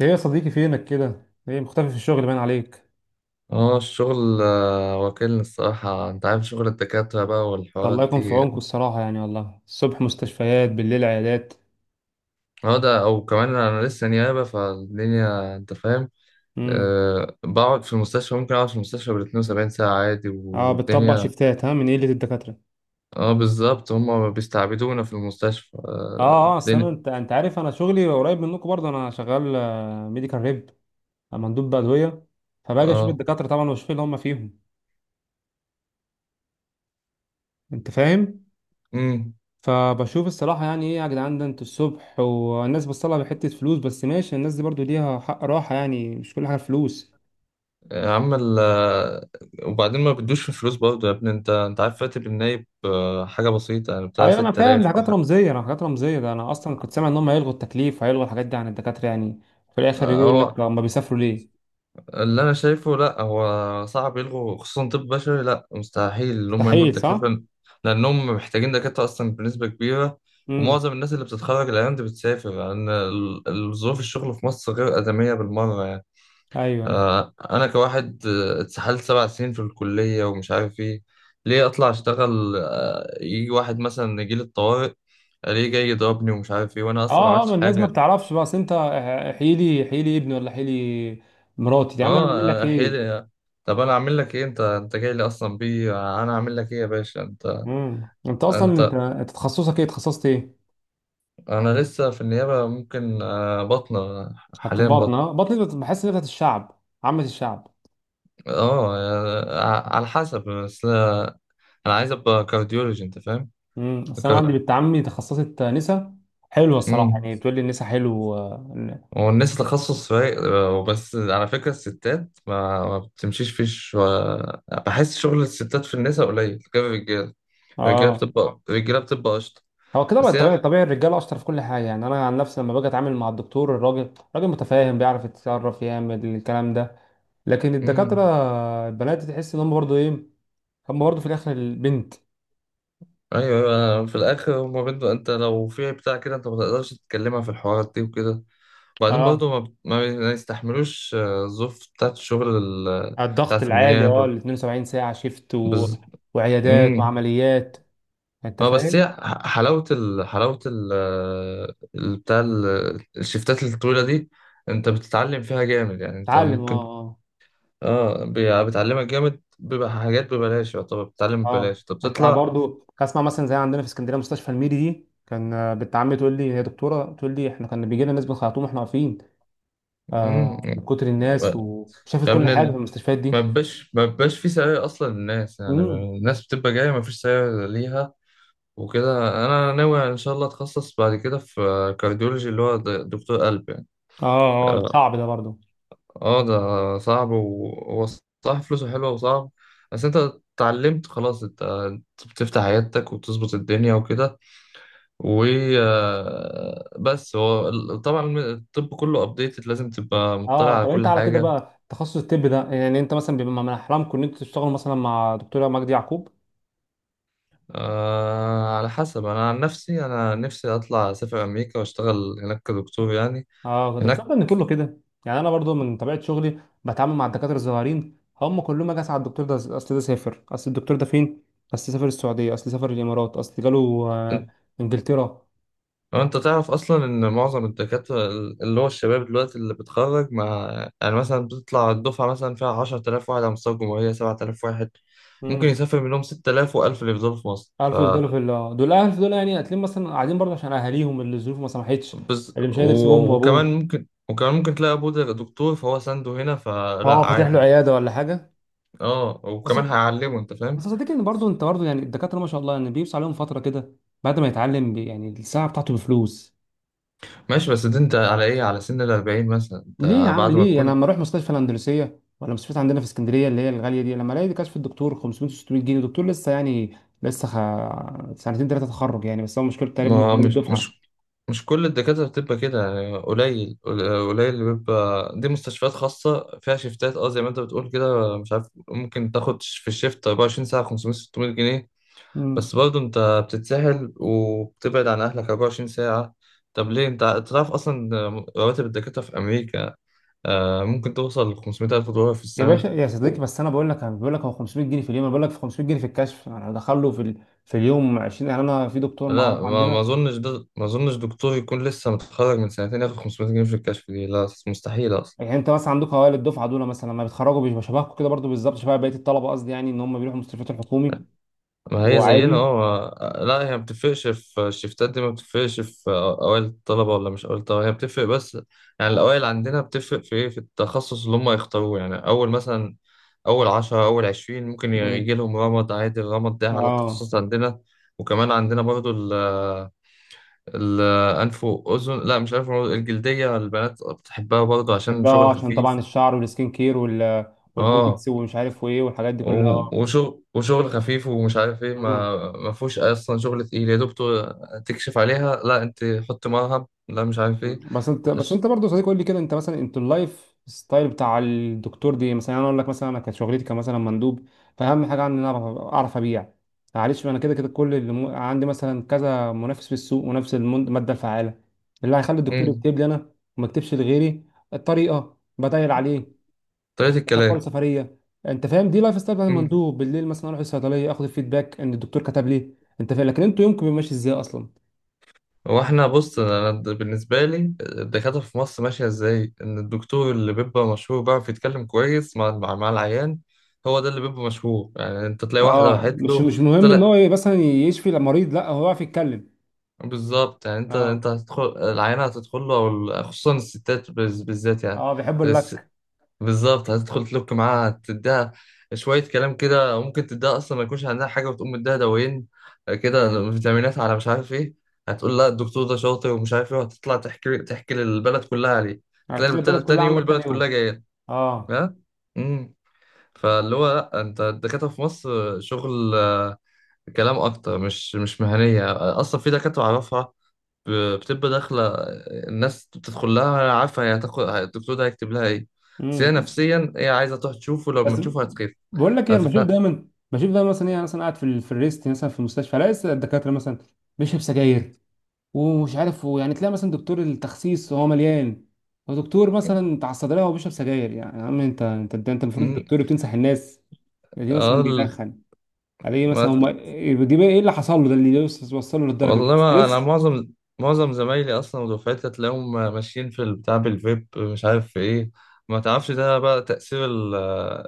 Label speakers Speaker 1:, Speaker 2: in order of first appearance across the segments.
Speaker 1: ايه يا صديقي؟ فينك كده؟ ايه مختفي في الشغل باين عليك؟
Speaker 2: اه الشغل، واكلني الصراحة. انت عارف شغل الدكاترة بقى
Speaker 1: ده الله
Speaker 2: والحوارات
Speaker 1: يكون في
Speaker 2: دي.
Speaker 1: عونكم الصراحه، يعني والله الصبح مستشفيات، بالليل عيادات.
Speaker 2: اه ده او كمان انا لسه نيابة فالدنيا، انت فاهم.
Speaker 1: امم.
Speaker 2: بقعد في المستشفى، ممكن اقعد في المستشفى بال 72 ساعة عادي
Speaker 1: اه، بتطبق
Speaker 2: والدنيا.
Speaker 1: شيفتات، ها، من قله الدكاتره؟
Speaker 2: اه بالظبط، هما بيستعبدونا في المستشفى.
Speaker 1: اه. اه، اصل انا
Speaker 2: الدنيا.
Speaker 1: انت عارف، انا شغلي قريب منكم برضه، انا شغال ميديكال ريب، مندوب بادويه. فباجي اشوف
Speaker 2: اه
Speaker 1: الدكاتره طبعا، واشوف اللي هم فيهم. انت فاهم؟
Speaker 2: امم
Speaker 1: فبشوف الصراحه يعني: ايه يا جدعان ده، انتوا الصبح والناس بتصلها بحته فلوس؟ بس ماشي، الناس دي برضه ليها حق راحه، يعني مش كل حاجه فلوس.
Speaker 2: عمل. وبعدين ما بدوش في فلوس برضه يا ابني. انت عارف راتب النايب، حاجة بسيطة يعني، بتاع
Speaker 1: ايوه انا فاهم، دي
Speaker 2: 6000 او
Speaker 1: حاجات
Speaker 2: حاجة.
Speaker 1: رمزيه، انا حاجات رمزيه، ده انا اصلا كنت سامع ان هم هيلغوا التكليف، هيلغوا الحاجات دي عن الدكاتره يعني. في الاخر
Speaker 2: اه،
Speaker 1: يقول
Speaker 2: هو
Speaker 1: لك هم بيسافروا ليه؟
Speaker 2: اللي انا شايفه لا، هو صعب يلغوا، خصوصا طب بشري. لا مستحيل ان هم يلغوا
Speaker 1: مستحيل، صح.
Speaker 2: التكليف، لانهم محتاجين دكاتره اصلا بنسبه كبيره.
Speaker 1: امم.
Speaker 2: ومعظم الناس اللي بتتخرج الايام دي بتسافر لان ظروف الشغل في مصر غير ادميه بالمره يعني.
Speaker 1: ايوه، ايوه.
Speaker 2: انا كواحد اتسحلت 7 سنين في الكليه ومش عارف ايه، ليه اطلع اشتغل؟ يجي واحد مثلا يجي لي الطوارئ، ليه جاي يضربني ومش عارف ايه وانا اصلا ما
Speaker 1: اه، اه، ما
Speaker 2: عملتش
Speaker 1: الناس ما
Speaker 2: حاجه؟
Speaker 1: بتعرفش بقى، اصل انت. حيلي لي، احيي لي ابني، ولا حيلي مراتي؟ يا عم انا اعمل لك
Speaker 2: اه
Speaker 1: ايه؟
Speaker 2: احيلي. طب انا اعمل لك ايه؟ انت جاي لي اصلا بيه، انا اعمل لك ايه يا باشا انت؟
Speaker 1: امم. انت اصلا انت
Speaker 2: انت.
Speaker 1: انت تخصصك ايه، تخصصت ايه؟
Speaker 2: انا لسه في النيابه، ممكن بطنه،
Speaker 1: حتى
Speaker 2: حاليا
Speaker 1: البطن.
Speaker 2: بطن.
Speaker 1: اه بحس ان بتاعت الشعب، عامه الشعب.
Speaker 2: اه على حسب بس. انا عايز ابقى كارديولوجي، انت فاهم؟
Speaker 1: امم. اصل انا عندي
Speaker 2: كا-
Speaker 1: بنت عمي تخصصت نسا، حلوه الصراحه
Speaker 2: امم
Speaker 1: يعني، بتقول لي النسا حلو.
Speaker 2: هو الناس تخصص فايق. بس على فكره الستات ما بتمشيش فيش. و... بحس شغل الستات في النساء قليل غير الرجاله. الرجاله
Speaker 1: اه.
Speaker 2: بتبقى الرجاله بتبقى قشطه.
Speaker 1: هو كده بقى،
Speaker 2: بس هي.
Speaker 1: طبيعي طبيعي، الرجاله اشطر في كل حاجه. يعني انا عن نفسي لما باجي اتعامل مع الدكتور الراجل، راجل متفاهم، بيعرف يتصرف، يعمل الكلام ده. لكن الدكاتره
Speaker 2: امم
Speaker 1: البنات، تحس ان هم برضو ايه، هم برضو في الاخر البنت.
Speaker 2: ايوه، أيوة. في الاخر هما بنته، انت لو في بتاع كده انت ما تقدرش تتكلمها في الحوارات دي وكده. وبعدين
Speaker 1: اه،
Speaker 2: برضه ما, بت- ما بي- ما يستحملوش الظروف بتاعت الشغل ال-
Speaker 1: على الضغط
Speaker 2: بتاعت
Speaker 1: العالي. اه
Speaker 2: النيابه.
Speaker 1: ال 72 ساعه شيفت و...
Speaker 2: بز...
Speaker 1: وعيادات
Speaker 2: امم
Speaker 1: وعمليات. انت
Speaker 2: اه بس
Speaker 1: فاهم؟
Speaker 2: هي ح- حلاوه ال... حلاوه ال... آه، ال- بتاع ال... الشفتات الطويله دي، انت بتتعلم فيها جامد يعني. انت
Speaker 1: اتعلم، اه،
Speaker 2: ممكن،
Speaker 1: اه.
Speaker 2: بتعلمك جامد، بيبقى حاجات ببلاش، يعتبر بتتعلم
Speaker 1: اه،
Speaker 2: ببلاش، انت
Speaker 1: انت
Speaker 2: بتطلع.
Speaker 1: برضو اسمع، مثلا زي عندنا في اسكندريه مستشفى الميري دي، كان بنت عمي تقول لي، هي دكتوره، تقول لي: احنا كان بيجي لنا ناس بنخيطوم واحنا واقفين آه، من
Speaker 2: امم
Speaker 1: كتر الناس. وشافت
Speaker 2: يا
Speaker 1: كل حاجه في
Speaker 2: ابني،
Speaker 1: المستشفيات
Speaker 2: ما
Speaker 1: دي.
Speaker 2: بيبقاش ما بيبقاش في سعي اصلا للناس يعني.
Speaker 1: امم.
Speaker 2: الناس بتبقى جايه، ما فيش سعي ليها. وكده انا ناوي ان شاء الله اتخصص بعد كده في كارديولوجي، اللي هو دكتور قلب يعني.
Speaker 1: اه، اه
Speaker 2: اه.
Speaker 1: صعب ده برضه.
Speaker 2: ده صعب، وهو صح فلوسه حلوه وصعب، بس انت اتعلمت خلاص. أنت بتفتح عيادتك وبتظبط الدنيا وكده، و بس هو ال- طبعا الطب كله ابديتد، لازم تبقى مطلع
Speaker 1: اه.
Speaker 2: على
Speaker 1: طب انت
Speaker 2: كل
Speaker 1: على كده
Speaker 2: حاجه.
Speaker 1: بقى، تخصص الطب ده يعني، انت مثلا بيبقى من احلامكم ان انتوا تشتغلوا مثلا مع دكتوره مجدي يعقوب؟
Speaker 2: على حسب. أنا عن نفسي أنا نفسي أطلع أسافر أمريكا وأشتغل هناك كدكتور يعني.
Speaker 1: اه. ده
Speaker 2: هناك.
Speaker 1: تصدق ان كله كده، يعني انا برضو من طبيعه شغلي بتعامل مع الدكاتره الصغيرين، هم كلهم اجي اسال على الدكتور ده، اصل ده سافر، اصل الدكتور ده فين، اصل سافر السعوديه، اصل سافر الامارات، اصل جاله آه،
Speaker 2: أنت
Speaker 1: انجلترا.
Speaker 2: أنت تعرف أصلا إن معظم الدكاترة اللي هو الشباب دلوقتي اللي بتخرج مع، يعني مثلا بتطلع الدفعة مثلا فيها 10,000 واحد على مستوى الجمهورية، 7,000 واحد ممكن
Speaker 1: امم.
Speaker 2: يسافر منهم، 6000 و1000 اللي يفضلوا في مصر. ف
Speaker 1: عارف، يفضلوا في دول الاهل دول، يعني هتلاقيهم مثلا قاعدين برضه عشان اهاليهم، اللي الظروف ما سمحتش،
Speaker 2: بز...
Speaker 1: اللي مش قادر يسيب امه
Speaker 2: و... وكمان
Speaker 1: وابوه.
Speaker 2: ممكن وكمان ممكن تلاقي أبوه ده دكتور، فهو سنده هنا
Speaker 1: اه،
Speaker 2: فلا
Speaker 1: فاتح له
Speaker 2: عادي.
Speaker 1: عياده ولا حاجه.
Speaker 2: اه،
Speaker 1: بس
Speaker 2: وكمان هيعلمه، أنت
Speaker 1: بس
Speaker 2: فاهم.
Speaker 1: صدقني، ان برضه انت برضه يعني الدكاتره ما شاء الله يعني، بيبص عليهم فتره كده بعد ما يتعلم يعني الساعه بتاعته بفلوس.
Speaker 2: ماشي، بس دي انت على ايه، على سن الأربعين مثلا
Speaker 1: ليه يا
Speaker 2: انت،
Speaker 1: عم
Speaker 2: بعد ما
Speaker 1: ليه؟ انا
Speaker 2: تكون.
Speaker 1: لما اروح مستشفى الاندلسيه ولا مستشفى عندنا في اسكندريه اللي هي الغاليه دي، لما الاقي كشف الدكتور 500 600 جنيه، دكتور لسه يعني، لسه خ... سنتين ثلاثه تخرج يعني. بس هو مشكلته تقريبا من
Speaker 2: ما
Speaker 1: اول
Speaker 2: مش
Speaker 1: الدفعه.
Speaker 2: مش مش كل الدكاترة بتبقى كده يعني، قليل اللي بيبقى. دي مستشفيات خاصة فيها شيفتات، زي ما انت بتقول كده، مش عارف، ممكن تاخد في الشيفت 24 ساعة 500 600 جنيه. بس برضه انت بتتسهل وبتبعد عن أهلك 24 ساعة. طب ليه؟ انت تعرف أصلا رواتب الدكاترة في أمريكا ممكن توصل ل 500 ألف دولار في
Speaker 1: يا باشا
Speaker 2: السنة.
Speaker 1: يا صديقي، بس انا بقول لك، هو 500 جنيه في اليوم. انا بقول لك في 500 جنيه في الكشف، انا هدخله في في اليوم 20 يعني، انا في دكتور
Speaker 2: لا،
Speaker 1: معروف
Speaker 2: ما
Speaker 1: عندنا.
Speaker 2: اظنش ده، ما اظنش دكتور يكون لسه متخرج من سنتين ياخد 500 جنيه في الكشف دي، لا مستحيل اصلا.
Speaker 1: يعني انت مثلا عندك اوائل الدفعه دول مثلا لما بيتخرجوا بيبقوا شبهكم كده برضو بالظبط، شبه بقيه الطلبه، قصدي يعني ان هم بيروحوا مستشفيات الحكومي،
Speaker 2: ما هي زينا
Speaker 1: وعادي.
Speaker 2: اه. لا هي ما بتفرقش في الشفتات دي، ما بتفرقش في اوائل الطلبه ولا مش اوائل الطلبه. هي بتفرق بس يعني الاوائل عندنا بتفرق في ايه؟ في التخصص اللي هم يختاروه، يعني اول مثلا اول 10 اول 20 ممكن
Speaker 1: مم.
Speaker 2: يجي لهم رمد عادي، الرمد ده على
Speaker 1: اه.
Speaker 2: التخصص عندنا. وكمان عندنا برضو ال الأنف وأذن، لا مش أنف وأذن، الجلدية. البنات بتحبها برضو عشان
Speaker 1: بحبها،
Speaker 2: شغل
Speaker 1: عشان
Speaker 2: خفيف.
Speaker 1: طبعا الشعر والسكين كير وال...
Speaker 2: اه
Speaker 1: والبوتكس ومش عارف وايه، والحاجات دي كلها.
Speaker 2: وشغل خفيف ومش عارف ايه.
Speaker 1: مم.
Speaker 2: ما فيهوش اصلا شغل تقيل يا دكتور، تكشف عليها، لا انت حط مرهم، لا مش عارف ايه.
Speaker 1: بس انت بس
Speaker 2: أش-
Speaker 1: انت برضه صديق، قول لي كده انت مثلا، انت اللايف ستايل بتاع الدكتور دي مثلا. يعني انا اقول لك مثلا، انا كانت شغلتي كمثلا مندوب، فاهم حاجه عندي ان انا اعرف اعرف ابيع. معلش، انا كده كده، كل اللي عندي مثلا كذا منافس في السوق، ونفس الماده الفعاله اللي هيخلي الدكتور
Speaker 2: امم
Speaker 1: يكتب لي انا وما يكتبش لغيري. الطريقه، بدايل عليه،
Speaker 2: طريقة
Speaker 1: بتقول
Speaker 2: الكلام.
Speaker 1: سفريه. انت فاهم؟ دي لايف ستايل بتاع
Speaker 2: امم
Speaker 1: المندوب. بالليل مثلا اروح الصيدليه، اخد الفيدباك ان الدكتور كتب ليه. انت فاهم؟ لكن انتوا يومكم بيبقى ماشي ازاي اصلا؟
Speaker 2: هو احنا بص، بالنسبة لي الدكاترة في مصر ماشية ازاي؟ ان الدكتور اللي بيبقى مشهور بيعرف يتكلم كويس مع العيان. هو ده اللي بيبقى مشهور يعني. انت تلاقي واحد
Speaker 1: اه،
Speaker 2: راحت
Speaker 1: مش
Speaker 2: له،
Speaker 1: مش مهم ان
Speaker 2: طلع.
Speaker 1: هو مثلا يشفي المريض، لا هو يعرف يتكلم.
Speaker 2: بالظبط يعني، انت
Speaker 1: اه،
Speaker 2: انت هتدخل العيانة، هتدخل له او ال-، خصوصا الستات بز- بالذات يعني.
Speaker 1: اه، بيحب اللك.
Speaker 2: بالظبط، هتدخل تلوك معاها، تديها شوية كلام كده. ممكن تديها أصلا ما يكونش عندها حاجة، وتقوم مديها دوايين كده، فيتامينات على مش عارف إيه. هتقول لا الدكتور ده شاطر ومش عارف إيه، وهتطلع تحكي للبلد كلها عليه.
Speaker 1: هتلاقي البلد كلها
Speaker 2: تاني يوم
Speaker 1: عندك تاني
Speaker 2: البلد كلها
Speaker 1: يوم.
Speaker 2: جاية.
Speaker 1: اه.
Speaker 2: ها. امم فاللي هو لا، أنت الدكاترة في مصر شغل كلام أكتر، مش مهنية. أصلا في دكاترة أعرفها بتبقى داخلة، الناس بتدخل لها عارفة هي هتاخد الدكتور ده هيكتب لها ايه، بس هي
Speaker 1: امم.
Speaker 2: نفسيا هي عايزة تروح تشوفه، لو ما
Speaker 1: بس
Speaker 2: تشوفه هتخف.
Speaker 1: بقول لك ايه، انا بشوف
Speaker 2: هتفهم.
Speaker 1: دايما، بشوف دايما مثلا، ايه أنا مثلا قاعد في في الريست مثلا في المستشفى، الاقي لسه الدكاتره مثلا بيشرب سجاير، ومش عارف، ويعني تلاقي مثلا دكتور التخسيس وهو مليان، ودكتور مثلا بتاع الصيدليه وهو بيشرب سجاير. يعني يا عم، انت المفروض
Speaker 2: مم.
Speaker 1: الدكتور بتنصح الناس دي،
Speaker 2: اه
Speaker 1: مثلا
Speaker 2: ال-
Speaker 1: بيدخن على ايه مثلا
Speaker 2: ما...
Speaker 1: هم؟ دي بقى ايه اللي حصل له ده، اللي وصله للدرجه دي؟
Speaker 2: والله ما انا،
Speaker 1: ستريس.
Speaker 2: معظم زمايلي اصلا ودفعتي هتلاقيهم ماشيين في البتاع بالفيب، مش عارف في ايه. ما تعرفش ده بقى تأثير ال-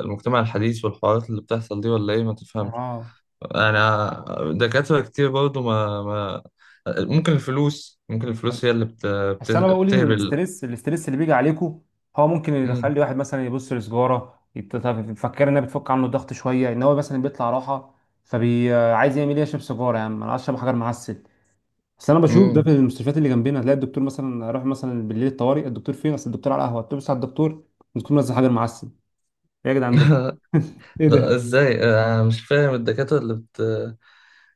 Speaker 2: المجتمع الحديث والحوارات اللي بتحصل دي، ولا ايه ما تفهمش.
Speaker 1: اه.
Speaker 2: انا دكاترة كتير برضو، ما ما ممكن الفلوس هي اللي
Speaker 1: بس انا بقول ان
Speaker 2: بتهبل.
Speaker 1: الاسترس الاسترس اللي بيجي عليكم، هو ممكن يخلي
Speaker 2: مم.
Speaker 1: واحد مثلا يبص لسجاره، يفكر انها بتفك عنه الضغط شويه، ان هو مثلا بيطلع راحه. فبي عايز يعمل ايه؟ يشرب سيجاره. يا عم انا عايز اشرب حجر معسل. بس انا بشوف ده في
Speaker 2: مم.
Speaker 1: المستشفيات اللي جنبنا، تلاقي الدكتور مثلا، اروح مثلا بالليل الطوارئ، الدكتور فين؟ اصل الدكتور على القهوه. تبص على الدكتور، بتكون نازل حجر معسل. إيه يا جدعان ده، ايه
Speaker 2: لا
Speaker 1: ده؟
Speaker 2: ازاي؟ انا مش فاهم الدكاترة اللي بت.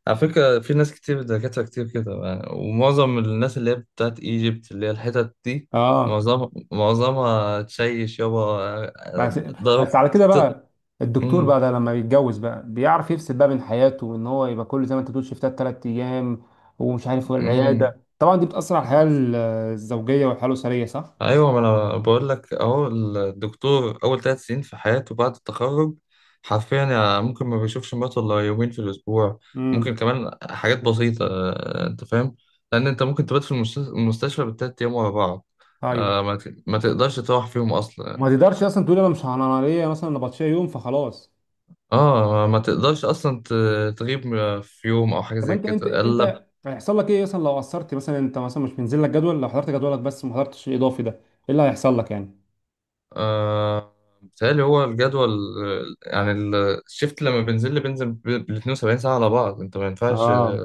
Speaker 2: على فكرة في ناس كتير، دكاترة كتير كده، ومعظم الناس اللي هي بتاعت ايجيبت اللي هي الحتت دي،
Speaker 1: اه.
Speaker 2: معظم معظمها تشيش يابا. آه،
Speaker 1: بس بس
Speaker 2: ضرب.
Speaker 1: على كده
Speaker 2: ت-
Speaker 1: بقى الدكتور
Speaker 2: مم.
Speaker 1: بقى ده لما بيتجوز بقى، بيعرف يفصل بقى بين حياته، وان هو يبقى كل زي ما انت بتقول شيفتات 3 ايام، ومش عارف،
Speaker 2: مم.
Speaker 1: والعياده طبعا دي بتاثر على الحياه الزوجيه والحياه الاسريه، صح؟
Speaker 2: ايوه، ما انا بقول لك اهو، الدكتور اول 3 سنين في حياته بعد التخرج حرفيا يعني ممكن ما بيشوفش مراته الا يومين في الاسبوع. ممكن
Speaker 1: امم.
Speaker 2: كمان حاجات بسيطه، انت فاهم، لان انت ممكن تبات في المستشفى بال3 ايام ورا بعض.
Speaker 1: ايوه.
Speaker 2: ما ما تقدرش تروح فيهم اصلا.
Speaker 1: وما تقدرش اصلا تقول انا مش انا ليا مثلا نبطشيه يوم فخلاص.
Speaker 2: اه ما تقدرش اصلا تغيب في يوم او حاجه
Speaker 1: طب
Speaker 2: زي
Speaker 1: انت انت
Speaker 2: كده الا ب-.
Speaker 1: انت هيحصل لك ايه مثلا لو قصرت، مثلا انت مثلا مش منزل لك جدول، لو حضرت جدولك بس ما حضرتش الاضافي ده، ايه اللي هيحصل لك يعني؟
Speaker 2: آه بيتهيألي هو الجدول، يعني ال- الشيفت لما بنزل لي بنزل ب 72 ساعه على بعض، انت ما ينفعش.
Speaker 1: اه.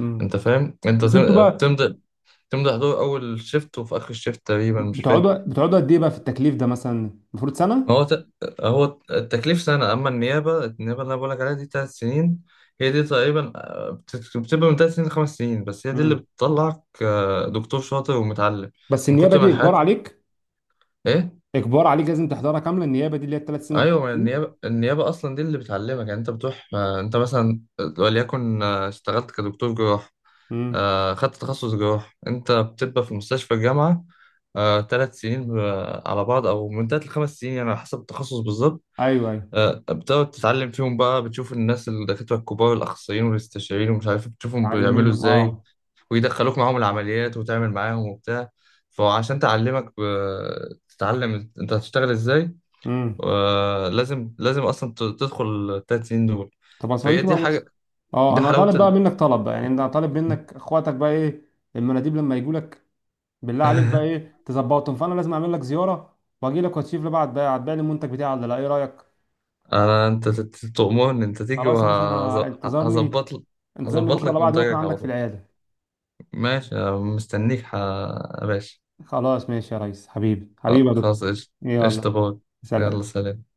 Speaker 1: امم.
Speaker 2: انت فاهم، انت
Speaker 1: بس انتوا بقى
Speaker 2: بتمضي، بتمضي حضور اول شيفت وفي اخر شيفت تقريبا، مش فاكر.
Speaker 1: بتقعدوا بتقعدوا قد ايه بقى في التكليف ده، مثلا المفروض سنه؟
Speaker 2: هو ت... هو التكليف سنه، اما النيابه اللي انا بقولك عليها دي 3 سنين. هي دي تقريبا، بتبقى من 3 سنين لخمس سنين. بس هي دي اللي
Speaker 1: مم.
Speaker 2: بتطلعك دكتور شاطر ومتعلم،
Speaker 1: بس
Speaker 2: من
Speaker 1: النيابه
Speaker 2: كتر ما
Speaker 1: دي اجبار
Speaker 2: الحاجات.
Speaker 1: عليك،
Speaker 2: ايه.
Speaker 1: اجبار عليك، لازم تحضرها كامله، النيابه دي اللي هي ال 3 سنين
Speaker 2: ايوه
Speaker 1: والخمس
Speaker 2: ما
Speaker 1: سنين.
Speaker 2: النيابه اصلا دي اللي بتعلمك. يعني انت بتروح انت مثلا وليكن اشتغلت كدكتور جراحه.
Speaker 1: امم.
Speaker 2: خدت تخصص جراح، انت بتبقى في مستشفى الجامعة 3 سنين على بعض او من 3 لخمس سنين يعني على حسب التخصص بالظبط.
Speaker 1: ايوه، ايوه.
Speaker 2: بتقعد تتعلم فيهم بقى، بتشوف الناس الدكاترة الكبار الأخصائيين والاستشاريين ومش عارف، بتشوفهم
Speaker 1: اتعلم
Speaker 2: بيعملوا
Speaker 1: منهم،
Speaker 2: ازاي،
Speaker 1: اه.
Speaker 2: ويدخلوك معاهم العمليات وتعمل معاهم وبتاع. فعشان تعلمك تتعلم انت هتشتغل ازاي،
Speaker 1: امم.
Speaker 2: لازم اصلا تدخل ال3 سنين دول.
Speaker 1: طب يا
Speaker 2: فهي
Speaker 1: صديقي
Speaker 2: دي
Speaker 1: بقى،
Speaker 2: حاجة،
Speaker 1: بص، اه،
Speaker 2: دي
Speaker 1: انا
Speaker 2: حلاوة
Speaker 1: طالب بقى
Speaker 2: ال...
Speaker 1: منك طلب بقى، يعني انا طالب منك، اخواتك بقى ايه المناديب لما يجوا لك، بالله عليك بقى ايه تظبطهم. فانا لازم اعمل لك زياره، واجي لك، وتشوف لي بقى، هتبيع هتبيع لي المنتج بتاعي ولا لا، ايه رايك؟
Speaker 2: انا تؤمرني، انت تيجي
Speaker 1: خلاص يا باشا، انا، انتظرني،
Speaker 2: وهظبط لك،
Speaker 1: انتظرني
Speaker 2: هظبط
Speaker 1: بكره ولا
Speaker 2: لك
Speaker 1: بعد بكره
Speaker 2: منتجك على
Speaker 1: عندك في
Speaker 2: طول.
Speaker 1: العياده.
Speaker 2: ماشي، أنا مستنيك يا باشا.
Speaker 1: خلاص ماشي يا ريس، حبيبي حبيبي يا دكتور.
Speaker 2: خلاص، قشطة. قشطة،
Speaker 1: يلا
Speaker 2: باي. يلا،
Speaker 1: سلام.
Speaker 2: سلام.